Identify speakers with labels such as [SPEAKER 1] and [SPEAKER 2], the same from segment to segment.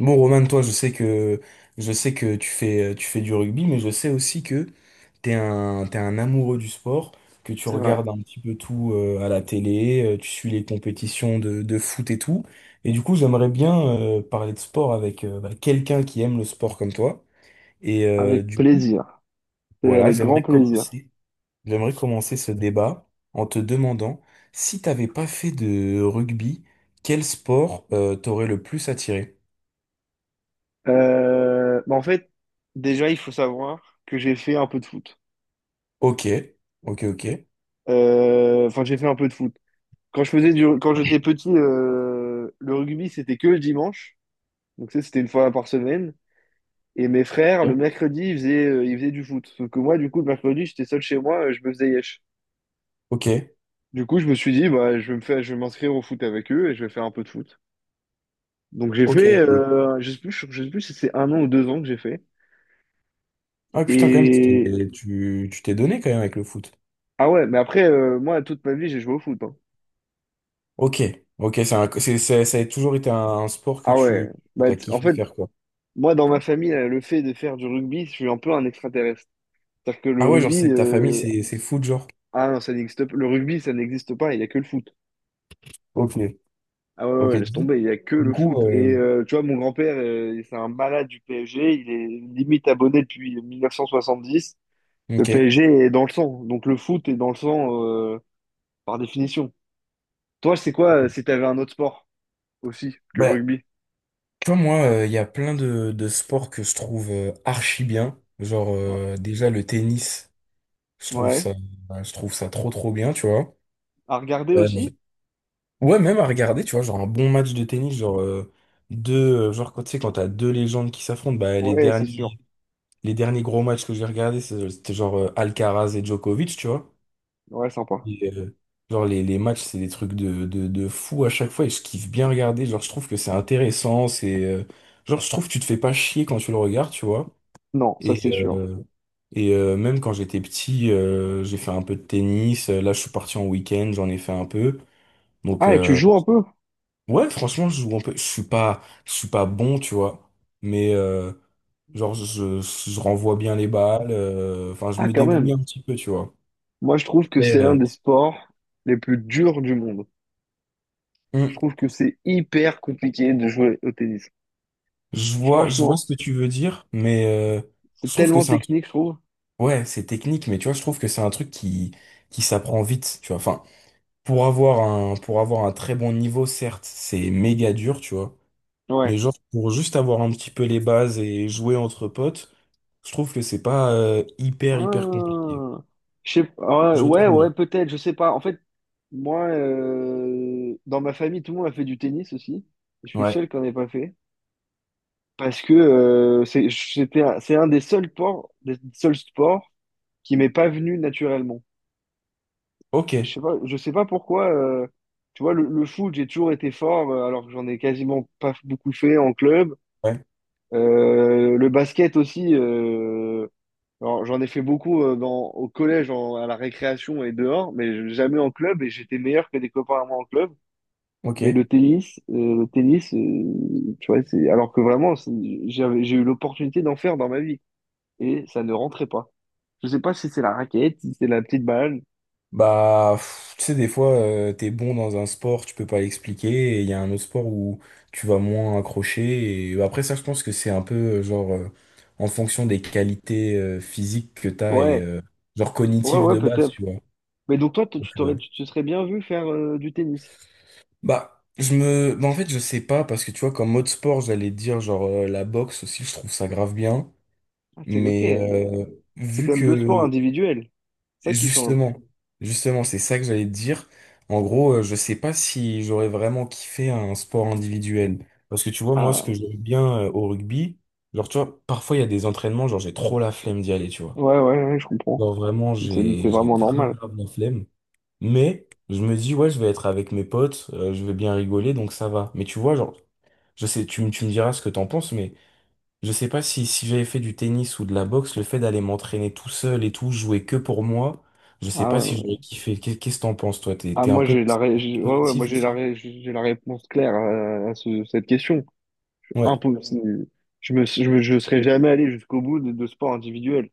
[SPEAKER 1] Bon, Roman, toi, je sais que tu fais du rugby, mais je sais aussi que t'es un amoureux du sport, que tu
[SPEAKER 2] C'est vrai,
[SPEAKER 1] regardes un petit peu tout à la télé, tu suis les compétitions de foot et tout. Et du coup, j'aimerais bien parler de sport avec bah, quelqu'un qui aime le sport comme toi. Et
[SPEAKER 2] avec
[SPEAKER 1] du coup,
[SPEAKER 2] plaisir. C'est
[SPEAKER 1] voilà,
[SPEAKER 2] avec grand
[SPEAKER 1] j'aimerais
[SPEAKER 2] plaisir.
[SPEAKER 1] commencer, j'aimerais commencer ce débat en te demandant si t'avais pas fait de rugby, quel sport t'aurait le plus attiré?
[SPEAKER 2] Bah en fait, déjà, il faut savoir que j'ai fait un peu de foot.
[SPEAKER 1] Ok, ok, ok.
[SPEAKER 2] Enfin, j'ai fait un peu de foot. Quand quand j'étais petit, le rugby, c'était que le dimanche. Donc, ça, c'était une fois par semaine. Et mes frères, le
[SPEAKER 1] Ok,
[SPEAKER 2] mercredi, ils faisaient du foot. Sauf que moi, du coup, le mercredi, j'étais seul chez moi, je me faisais yesh.
[SPEAKER 1] ok.
[SPEAKER 2] Du coup, je me suis dit, bah, je vais m'inscrire au foot avec eux et je vais faire un peu de foot. Donc,
[SPEAKER 1] Ok.
[SPEAKER 2] je sais plus si c'est un an ou 2 ans que j'ai fait.
[SPEAKER 1] Ah putain, quand même, tu
[SPEAKER 2] Et
[SPEAKER 1] tu- tu t'es donné quand même avec le foot.
[SPEAKER 2] ah ouais, mais après, moi, toute ma vie, j'ai joué au foot, hein.
[SPEAKER 1] Ok, ok, c'est un- c'est- ça a toujours été un sport que
[SPEAKER 2] Ah ouais.
[SPEAKER 1] tu
[SPEAKER 2] Bah,
[SPEAKER 1] as
[SPEAKER 2] en
[SPEAKER 1] kiffé
[SPEAKER 2] fait,
[SPEAKER 1] faire, quoi.
[SPEAKER 2] moi, dans ma famille, le fait de faire du rugby, je suis un peu un extraterrestre. C'est-à-dire que le
[SPEAKER 1] Ah ouais, genre,
[SPEAKER 2] rugby,
[SPEAKER 1] c'est ta famille, c'est foot, genre.
[SPEAKER 2] ah non, ça n'existe pas. Le rugby, ça n'existe pas, il n'y a que le foot.
[SPEAKER 1] Ok,
[SPEAKER 2] Ah ouais, ouais,
[SPEAKER 1] ok.
[SPEAKER 2] ouais, laisse tomber, il n'y a que
[SPEAKER 1] Du
[SPEAKER 2] le
[SPEAKER 1] coup,
[SPEAKER 2] foot. Et tu vois, mon grand-père, c'est un malade du PSG, il est limite abonné depuis 1970. Le
[SPEAKER 1] ok.
[SPEAKER 2] PSG est dans le sang, donc le foot est dans le sang, par définition. Toi, c'est quoi, si t'avais un autre sport aussi que le
[SPEAKER 1] Bah,
[SPEAKER 2] rugby?
[SPEAKER 1] tu vois, moi, il y a plein de sports que je trouve archi bien. Genre,
[SPEAKER 2] Ouais.
[SPEAKER 1] déjà, le tennis, je trouve
[SPEAKER 2] Ouais.
[SPEAKER 1] ça, je trouve ça trop, trop bien, tu vois.
[SPEAKER 2] À regarder
[SPEAKER 1] Euh,
[SPEAKER 2] aussi?
[SPEAKER 1] Ouais, même à regarder, tu vois, genre un bon match de tennis, genre genre quand t'as deux légendes qui s'affrontent, bah
[SPEAKER 2] Ouais, c'est sûr.
[SPEAKER 1] les derniers gros matchs que j'ai regardés, c'était genre Alcaraz et Djokovic, tu vois.
[SPEAKER 2] Ouais, sympa.
[SPEAKER 1] Et, genre les matchs, c'est des trucs de fou à chaque fois et je kiffe bien regarder, genre je trouve que c'est intéressant, c'est genre je trouve que tu te fais pas chier quand tu le regardes, tu vois.
[SPEAKER 2] Non, ça c'est
[SPEAKER 1] Et,
[SPEAKER 2] sûr.
[SPEAKER 1] euh, et, même quand j'étais petit, j'ai fait un peu de tennis, là je suis parti en week-end, j'en ai fait un peu. Donc,
[SPEAKER 2] Ah, et tu joues un peu?
[SPEAKER 1] ouais, franchement, je joue un peu. Je suis pas bon, tu vois. Mais genre, je renvoie bien les balles. Enfin, je
[SPEAKER 2] Ah,
[SPEAKER 1] me
[SPEAKER 2] quand
[SPEAKER 1] débrouille
[SPEAKER 2] même.
[SPEAKER 1] un petit peu, tu vois.
[SPEAKER 2] Moi, je trouve que
[SPEAKER 1] Mais,
[SPEAKER 2] c'est l'un des sports les plus durs du monde. Je
[SPEAKER 1] hum,
[SPEAKER 2] trouve que c'est hyper compliqué de jouer au tennis.
[SPEAKER 1] je vois ce
[SPEAKER 2] Franchement,
[SPEAKER 1] que tu veux dire, mais je
[SPEAKER 2] c'est
[SPEAKER 1] trouve que
[SPEAKER 2] tellement
[SPEAKER 1] c'est un truc.
[SPEAKER 2] technique, je trouve.
[SPEAKER 1] Ouais, c'est technique, mais tu vois, je trouve que c'est un truc qui s'apprend vite, tu vois. Enfin, pour avoir un très bon niveau, certes, c'est méga dur, tu vois.
[SPEAKER 2] Ouais.
[SPEAKER 1] Mais genre, pour juste avoir un petit peu les bases et jouer entre potes, je trouve que c'est pas hyper, hyper compliqué.
[SPEAKER 2] Ah, je sais pas.
[SPEAKER 1] Je
[SPEAKER 2] Ouais,
[SPEAKER 1] trouve.
[SPEAKER 2] ouais, peut-être, je sais pas. En fait, moi, dans ma famille, tout le monde a fait du tennis aussi. Et je suis le
[SPEAKER 1] Ouais,
[SPEAKER 2] seul qui n'en ait pas fait. Parce que c'est un des seuls sports qui m'est pas venu naturellement.
[SPEAKER 1] ok,
[SPEAKER 2] Je sais pas pourquoi. Tu vois, le foot, j'ai toujours été fort, alors que j'en ai quasiment pas beaucoup fait en club.
[SPEAKER 1] ouais,
[SPEAKER 2] Le basket aussi. Alors, j'en ai fait beaucoup au collège, à la récréation et dehors, mais jamais en club. Et j'étais meilleur que des copains à moi en club.
[SPEAKER 1] ok.
[SPEAKER 2] Mais le tennis, tu vois, c'est alors que vraiment, j'ai eu l'opportunité d'en faire dans ma vie et ça ne rentrait pas. Je sais pas si c'est la raquette, si c'est la petite balle.
[SPEAKER 1] Bah, pff, tu sais, des fois, t'es bon dans un sport, tu peux pas l'expliquer, et il y a un autre sport où tu vas moins accrocher, et bah, après ça, je pense que c'est un peu, genre, en fonction des qualités physiques que t'as, et
[SPEAKER 2] Ouais.
[SPEAKER 1] genre
[SPEAKER 2] Ouais,
[SPEAKER 1] cognitives
[SPEAKER 2] ouais,
[SPEAKER 1] de base,
[SPEAKER 2] peut-être.
[SPEAKER 1] tu vois.
[SPEAKER 2] Mais donc toi,
[SPEAKER 1] Donc,
[SPEAKER 2] tu te serais bien vu faire du tennis.
[SPEAKER 1] bah, je me... Bah, en fait, je sais pas, parce que tu vois, comme mode sport, j'allais dire, genre, la boxe aussi, je trouve ça grave bien,
[SPEAKER 2] Ah, c'est ok,
[SPEAKER 1] mais
[SPEAKER 2] mais c'est
[SPEAKER 1] vu
[SPEAKER 2] quand même deux sports
[SPEAKER 1] que...
[SPEAKER 2] individuels. C'est ça qui change.
[SPEAKER 1] Justement, justement, c'est ça que j'allais te dire. En gros, je sais pas si j'aurais vraiment kiffé un sport individuel. Parce que tu vois, moi, ce que
[SPEAKER 2] Ah,
[SPEAKER 1] j'aime bien au rugby, genre, tu vois, parfois il y a des entraînements, genre, j'ai trop la flemme d'y aller, tu vois.
[SPEAKER 2] ouais, ouais, ouais, je comprends.
[SPEAKER 1] Genre, vraiment,
[SPEAKER 2] C'est
[SPEAKER 1] j'ai
[SPEAKER 2] vraiment
[SPEAKER 1] grave,
[SPEAKER 2] normal.
[SPEAKER 1] grave la flemme. Mais je me dis, ouais, je vais être avec mes potes, je vais bien rigoler, donc ça va. Mais tu vois, genre, je sais, tu me diras ce que t'en penses, mais je sais pas si, j'avais fait du tennis ou de la boxe, le fait d'aller m'entraîner tout seul et tout, jouer que pour moi, je sais
[SPEAKER 2] Ah,
[SPEAKER 1] pas si j'aurais
[SPEAKER 2] ouais.
[SPEAKER 1] kiffé. Qu'est- Qu'est-ce que t'en penses, toi? T'es,
[SPEAKER 2] Ah,
[SPEAKER 1] t'es un
[SPEAKER 2] moi,
[SPEAKER 1] peu
[SPEAKER 2] j'ai la, ré- j'ai- ouais, ouais, moi,
[SPEAKER 1] collectif aussi?
[SPEAKER 2] j'ai la réponse claire à cette question.
[SPEAKER 1] Ouais,
[SPEAKER 2] Impossible. Je serais jamais allé jusqu'au bout de sports individuels.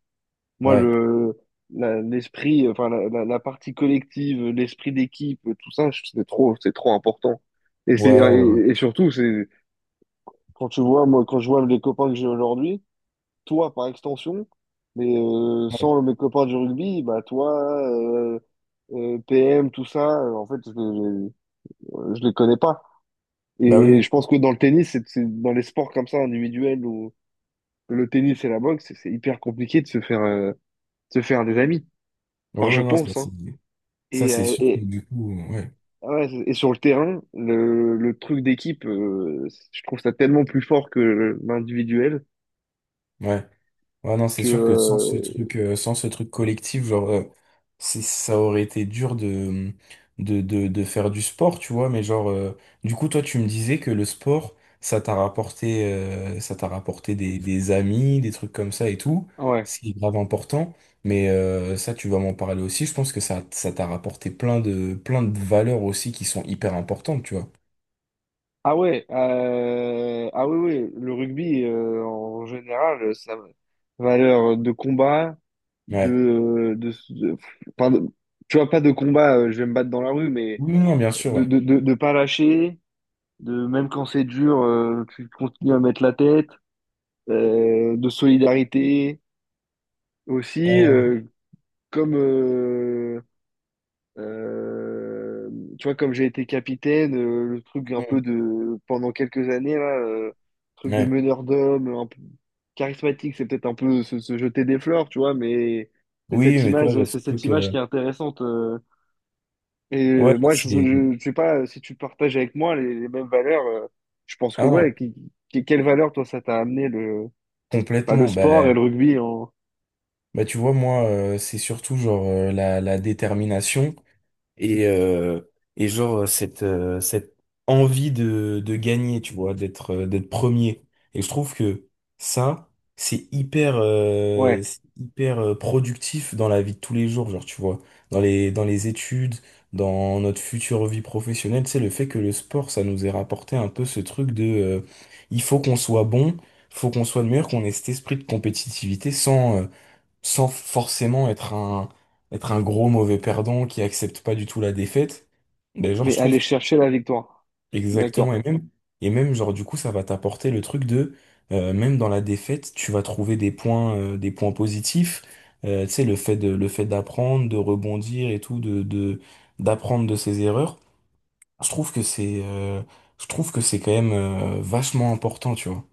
[SPEAKER 2] Moi,
[SPEAKER 1] ouais,
[SPEAKER 2] l'esprit, enfin, la partie collective, l'esprit d'équipe, tout ça, c'est trop important. Et c'est,
[SPEAKER 1] ouais, ouais,
[SPEAKER 2] et, et surtout, quand tu vois, moi, quand je vois les copains que j'ai aujourd'hui, toi, par extension, mais
[SPEAKER 1] ouais.
[SPEAKER 2] sans mes copains du rugby, bah, toi, PM, tout ça, en fait, je les connais pas.
[SPEAKER 1] Bah oui,
[SPEAKER 2] Et je
[SPEAKER 1] oui.
[SPEAKER 2] pense que dans le tennis, dans les sports comme ça, individuels, où le tennis et la boxe, c'est hyper compliqué de se faire des amis.
[SPEAKER 1] Ouais,
[SPEAKER 2] Enfin, je
[SPEAKER 1] ouais, non,
[SPEAKER 2] pense, hein.
[SPEAKER 1] ça,
[SPEAKER 2] Et,
[SPEAKER 1] c'est
[SPEAKER 2] euh,
[SPEAKER 1] sûr que
[SPEAKER 2] et,
[SPEAKER 1] du coup, ouais,
[SPEAKER 2] ouais, et sur le terrain, le truc d'équipe, je trouve ça tellement plus fort que l'individuel
[SPEAKER 1] ouais. Ouais, non, c'est
[SPEAKER 2] que
[SPEAKER 1] sûr que sans ce truc, euh, sans ce truc collectif, genre, c'est, ça aurait été dur de, de faire du sport, tu vois, mais genre, du coup, toi, tu me disais que le sport, ça t'a rapporté des amis, des trucs comme ça et tout,
[SPEAKER 2] ouais.
[SPEAKER 1] ce qui est grave important, mais ça, tu vas m'en parler aussi, je pense que ça t'a rapporté plein de valeurs aussi qui sont hyper importantes, tu vois.
[SPEAKER 2] Ah ouais, ah oui, oui, le rugby, en général, sa valeur de combat,
[SPEAKER 1] Ouais.
[SPEAKER 2] de, de, de- enfin, tu vois, pas de combat, je vais me battre dans la rue, mais
[SPEAKER 1] Oui, non, bien sûr,
[SPEAKER 2] de,
[SPEAKER 1] ouais.
[SPEAKER 2] de, de, de pas lâcher, de même quand c'est dur, tu continues à mettre la tête, de solidarité aussi.
[SPEAKER 1] Euh,
[SPEAKER 2] Comme euh, tu vois, comme j'ai été capitaine, le truc un
[SPEAKER 1] mm,
[SPEAKER 2] peu de pendant quelques années là, truc de
[SPEAKER 1] ouais.
[SPEAKER 2] meneur d'homme un peu charismatique, c'est peut-être un peu se jeter des fleurs, tu vois, mais c'est
[SPEAKER 1] Oui,
[SPEAKER 2] cette
[SPEAKER 1] mais tu vois, il
[SPEAKER 2] image
[SPEAKER 1] y a ce
[SPEAKER 2] c'est cette
[SPEAKER 1] truc,
[SPEAKER 2] image qui est intéressante. Et,
[SPEAKER 1] ouais, il y a
[SPEAKER 2] moi,
[SPEAKER 1] ces-
[SPEAKER 2] je sais pas si tu partages avec moi les mêmes valeurs, je pense que ouais,
[SPEAKER 1] Ah,
[SPEAKER 2] quelle valeur toi ça t'a amené le bah, le
[SPEAKER 1] complètement. Bah,
[SPEAKER 2] sport et le rugby en
[SPEAKER 1] bah, tu vois, moi, c'est surtout genre la détermination. Et, euh, et genre, cette envie de gagner, tu vois, d'être premier. Et je trouve que ça,
[SPEAKER 2] ouais
[SPEAKER 1] c'est hyper productif dans la vie de tous les jours, genre, tu vois, dans les études, dans notre future vie professionnelle, c'est le fait que le sport, ça nous ait rapporté un peu ce truc de, il faut qu'on soit bon, faut qu'on soit le meilleur, qu'on ait cet esprit de compétitivité sans, sans forcément être un gros mauvais perdant qui accepte pas du tout la défaite. Ben, genre,
[SPEAKER 2] mais aller chercher la victoire. Je suis
[SPEAKER 1] exactement, et
[SPEAKER 2] d'accord.
[SPEAKER 1] même, et même, genre, du coup, ça va t'apporter le truc de, même dans la défaite, tu vas trouver des points positifs. Tu sais, le fait de, le fait d'apprendre, de rebondir et tout, d'apprendre de ses erreurs. Je trouve que c'est, je trouve que c'est quand même, vachement important, tu vois.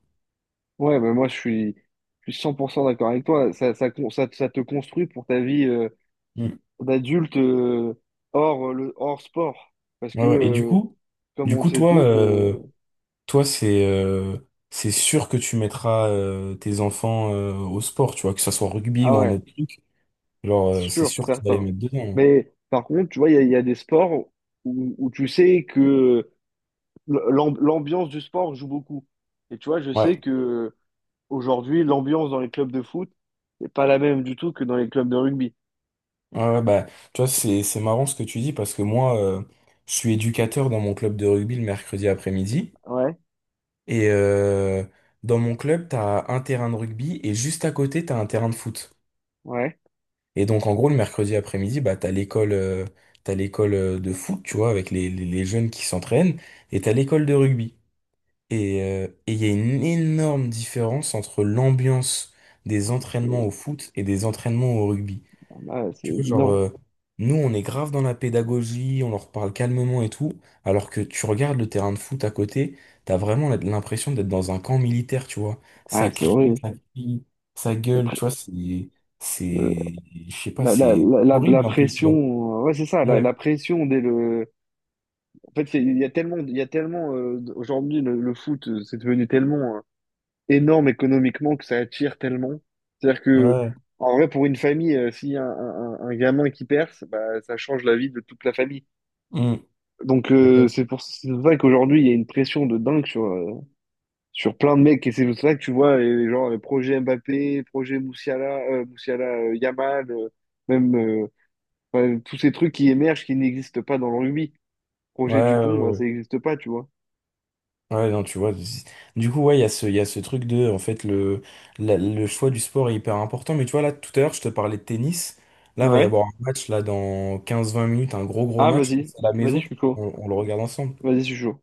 [SPEAKER 2] Ouais, bah moi je suis, 100% d'accord avec toi. Ça te construit pour ta vie,
[SPEAKER 1] Mm.
[SPEAKER 2] d'adulte, hors sport. Parce que,
[SPEAKER 1] Ouais, ouais. Et du coup,
[SPEAKER 2] comme
[SPEAKER 1] du
[SPEAKER 2] on le
[SPEAKER 1] coup,
[SPEAKER 2] sait
[SPEAKER 1] toi,
[SPEAKER 2] tous,
[SPEAKER 1] euh, Toi, c'est sûr que tu mettras tes enfants au sport, tu vois, que ça soit rugby
[SPEAKER 2] ah
[SPEAKER 1] ou un
[SPEAKER 2] ouais,
[SPEAKER 1] autre truc. Genre, c'est
[SPEAKER 2] sûr,
[SPEAKER 1] sûr que tu vas les
[SPEAKER 2] certain.
[SPEAKER 1] mettre dedans, hein.
[SPEAKER 2] Mais par contre, tu vois, il y a des sports où tu sais que l'ambiance du sport joue beaucoup. Et tu vois, je
[SPEAKER 1] Ouais,
[SPEAKER 2] sais que aujourd'hui, l'ambiance dans les clubs de foot n'est pas la même du tout que dans les clubs de rugby.
[SPEAKER 1] ouais, ouais, bah, tu vois, c'est marrant ce que tu dis parce que moi, je suis éducateur dans mon club de rugby le mercredi après-midi.
[SPEAKER 2] Ouais,
[SPEAKER 1] Et dans mon club, t'as un terrain de rugby et juste à côté, t'as un terrain de foot.
[SPEAKER 2] ouais,
[SPEAKER 1] Et donc, en gros, le mercredi après-midi, bah, t'as l'école de foot, tu vois, avec les, les jeunes qui s'entraînent, et t'as l'école de rugby. Et il y a une énorme différence entre l'ambiance des
[SPEAKER 2] c'est
[SPEAKER 1] entraînements au foot et des entraînements au rugby.
[SPEAKER 2] ah, bah, c'est
[SPEAKER 1] Tu vois, genre,
[SPEAKER 2] évident.
[SPEAKER 1] nous, on est grave dans la pédagogie, on leur parle calmement et tout, alors que tu regardes le terrain de foot à côté, t'as vraiment l'impression d'être dans un camp militaire, tu vois.
[SPEAKER 2] Ah,
[SPEAKER 1] Ça
[SPEAKER 2] c'est
[SPEAKER 1] crie,
[SPEAKER 2] horrible.
[SPEAKER 1] ça crie, ça gueule, tu vois,
[SPEAKER 2] Euh,
[SPEAKER 1] c'est, je sais pas, c'est
[SPEAKER 2] la
[SPEAKER 1] horrible un peu, tu
[SPEAKER 2] pression,
[SPEAKER 1] vois.
[SPEAKER 2] ouais, c'est ça, la,
[SPEAKER 1] Ouais,
[SPEAKER 2] la pression dès le. En fait, il y a tellement, il y a tellement aujourd'hui le foot, c'est devenu tellement énorme économiquement que ça attire tellement. C'est-à-dire
[SPEAKER 1] ouais.
[SPEAKER 2] que,
[SPEAKER 1] Ouais.
[SPEAKER 2] en vrai, pour une famille, s'il y a un gamin qui perce, bah, ça change la vie de toute la famille.
[SPEAKER 1] Mm.
[SPEAKER 2] Donc, c'est pour ça qu'aujourd'hui, il y a une pression de dingue sur plein de mecs. Et c'est pour ça que tu vois, les genre, les projets Mbappé, projet Moussiala, Yamal, même. Enfin, tous ces trucs qui émergent, qui n'existent pas dans le rugby.
[SPEAKER 1] Ouais,
[SPEAKER 2] Projet
[SPEAKER 1] ouais,
[SPEAKER 2] Dupont, bah,
[SPEAKER 1] ouais.
[SPEAKER 2] ça n'existe pas, tu vois.
[SPEAKER 1] Ouais, non, tu vois. Du coup, ouais, il y a ce, truc de, en fait, le, le choix du sport est hyper important. Mais tu vois, là, tout à l'heure, je te parlais de tennis. Là, va y
[SPEAKER 2] Ouais.
[SPEAKER 1] avoir un match, là, dans 15-20 minutes, un gros, gros
[SPEAKER 2] Ah,
[SPEAKER 1] match.
[SPEAKER 2] vas-y.
[SPEAKER 1] C'est à la
[SPEAKER 2] Vas-y,
[SPEAKER 1] maison.
[SPEAKER 2] je suis chaud.
[SPEAKER 1] On le regarde ensemble.
[SPEAKER 2] Vas-y, je suis chaud.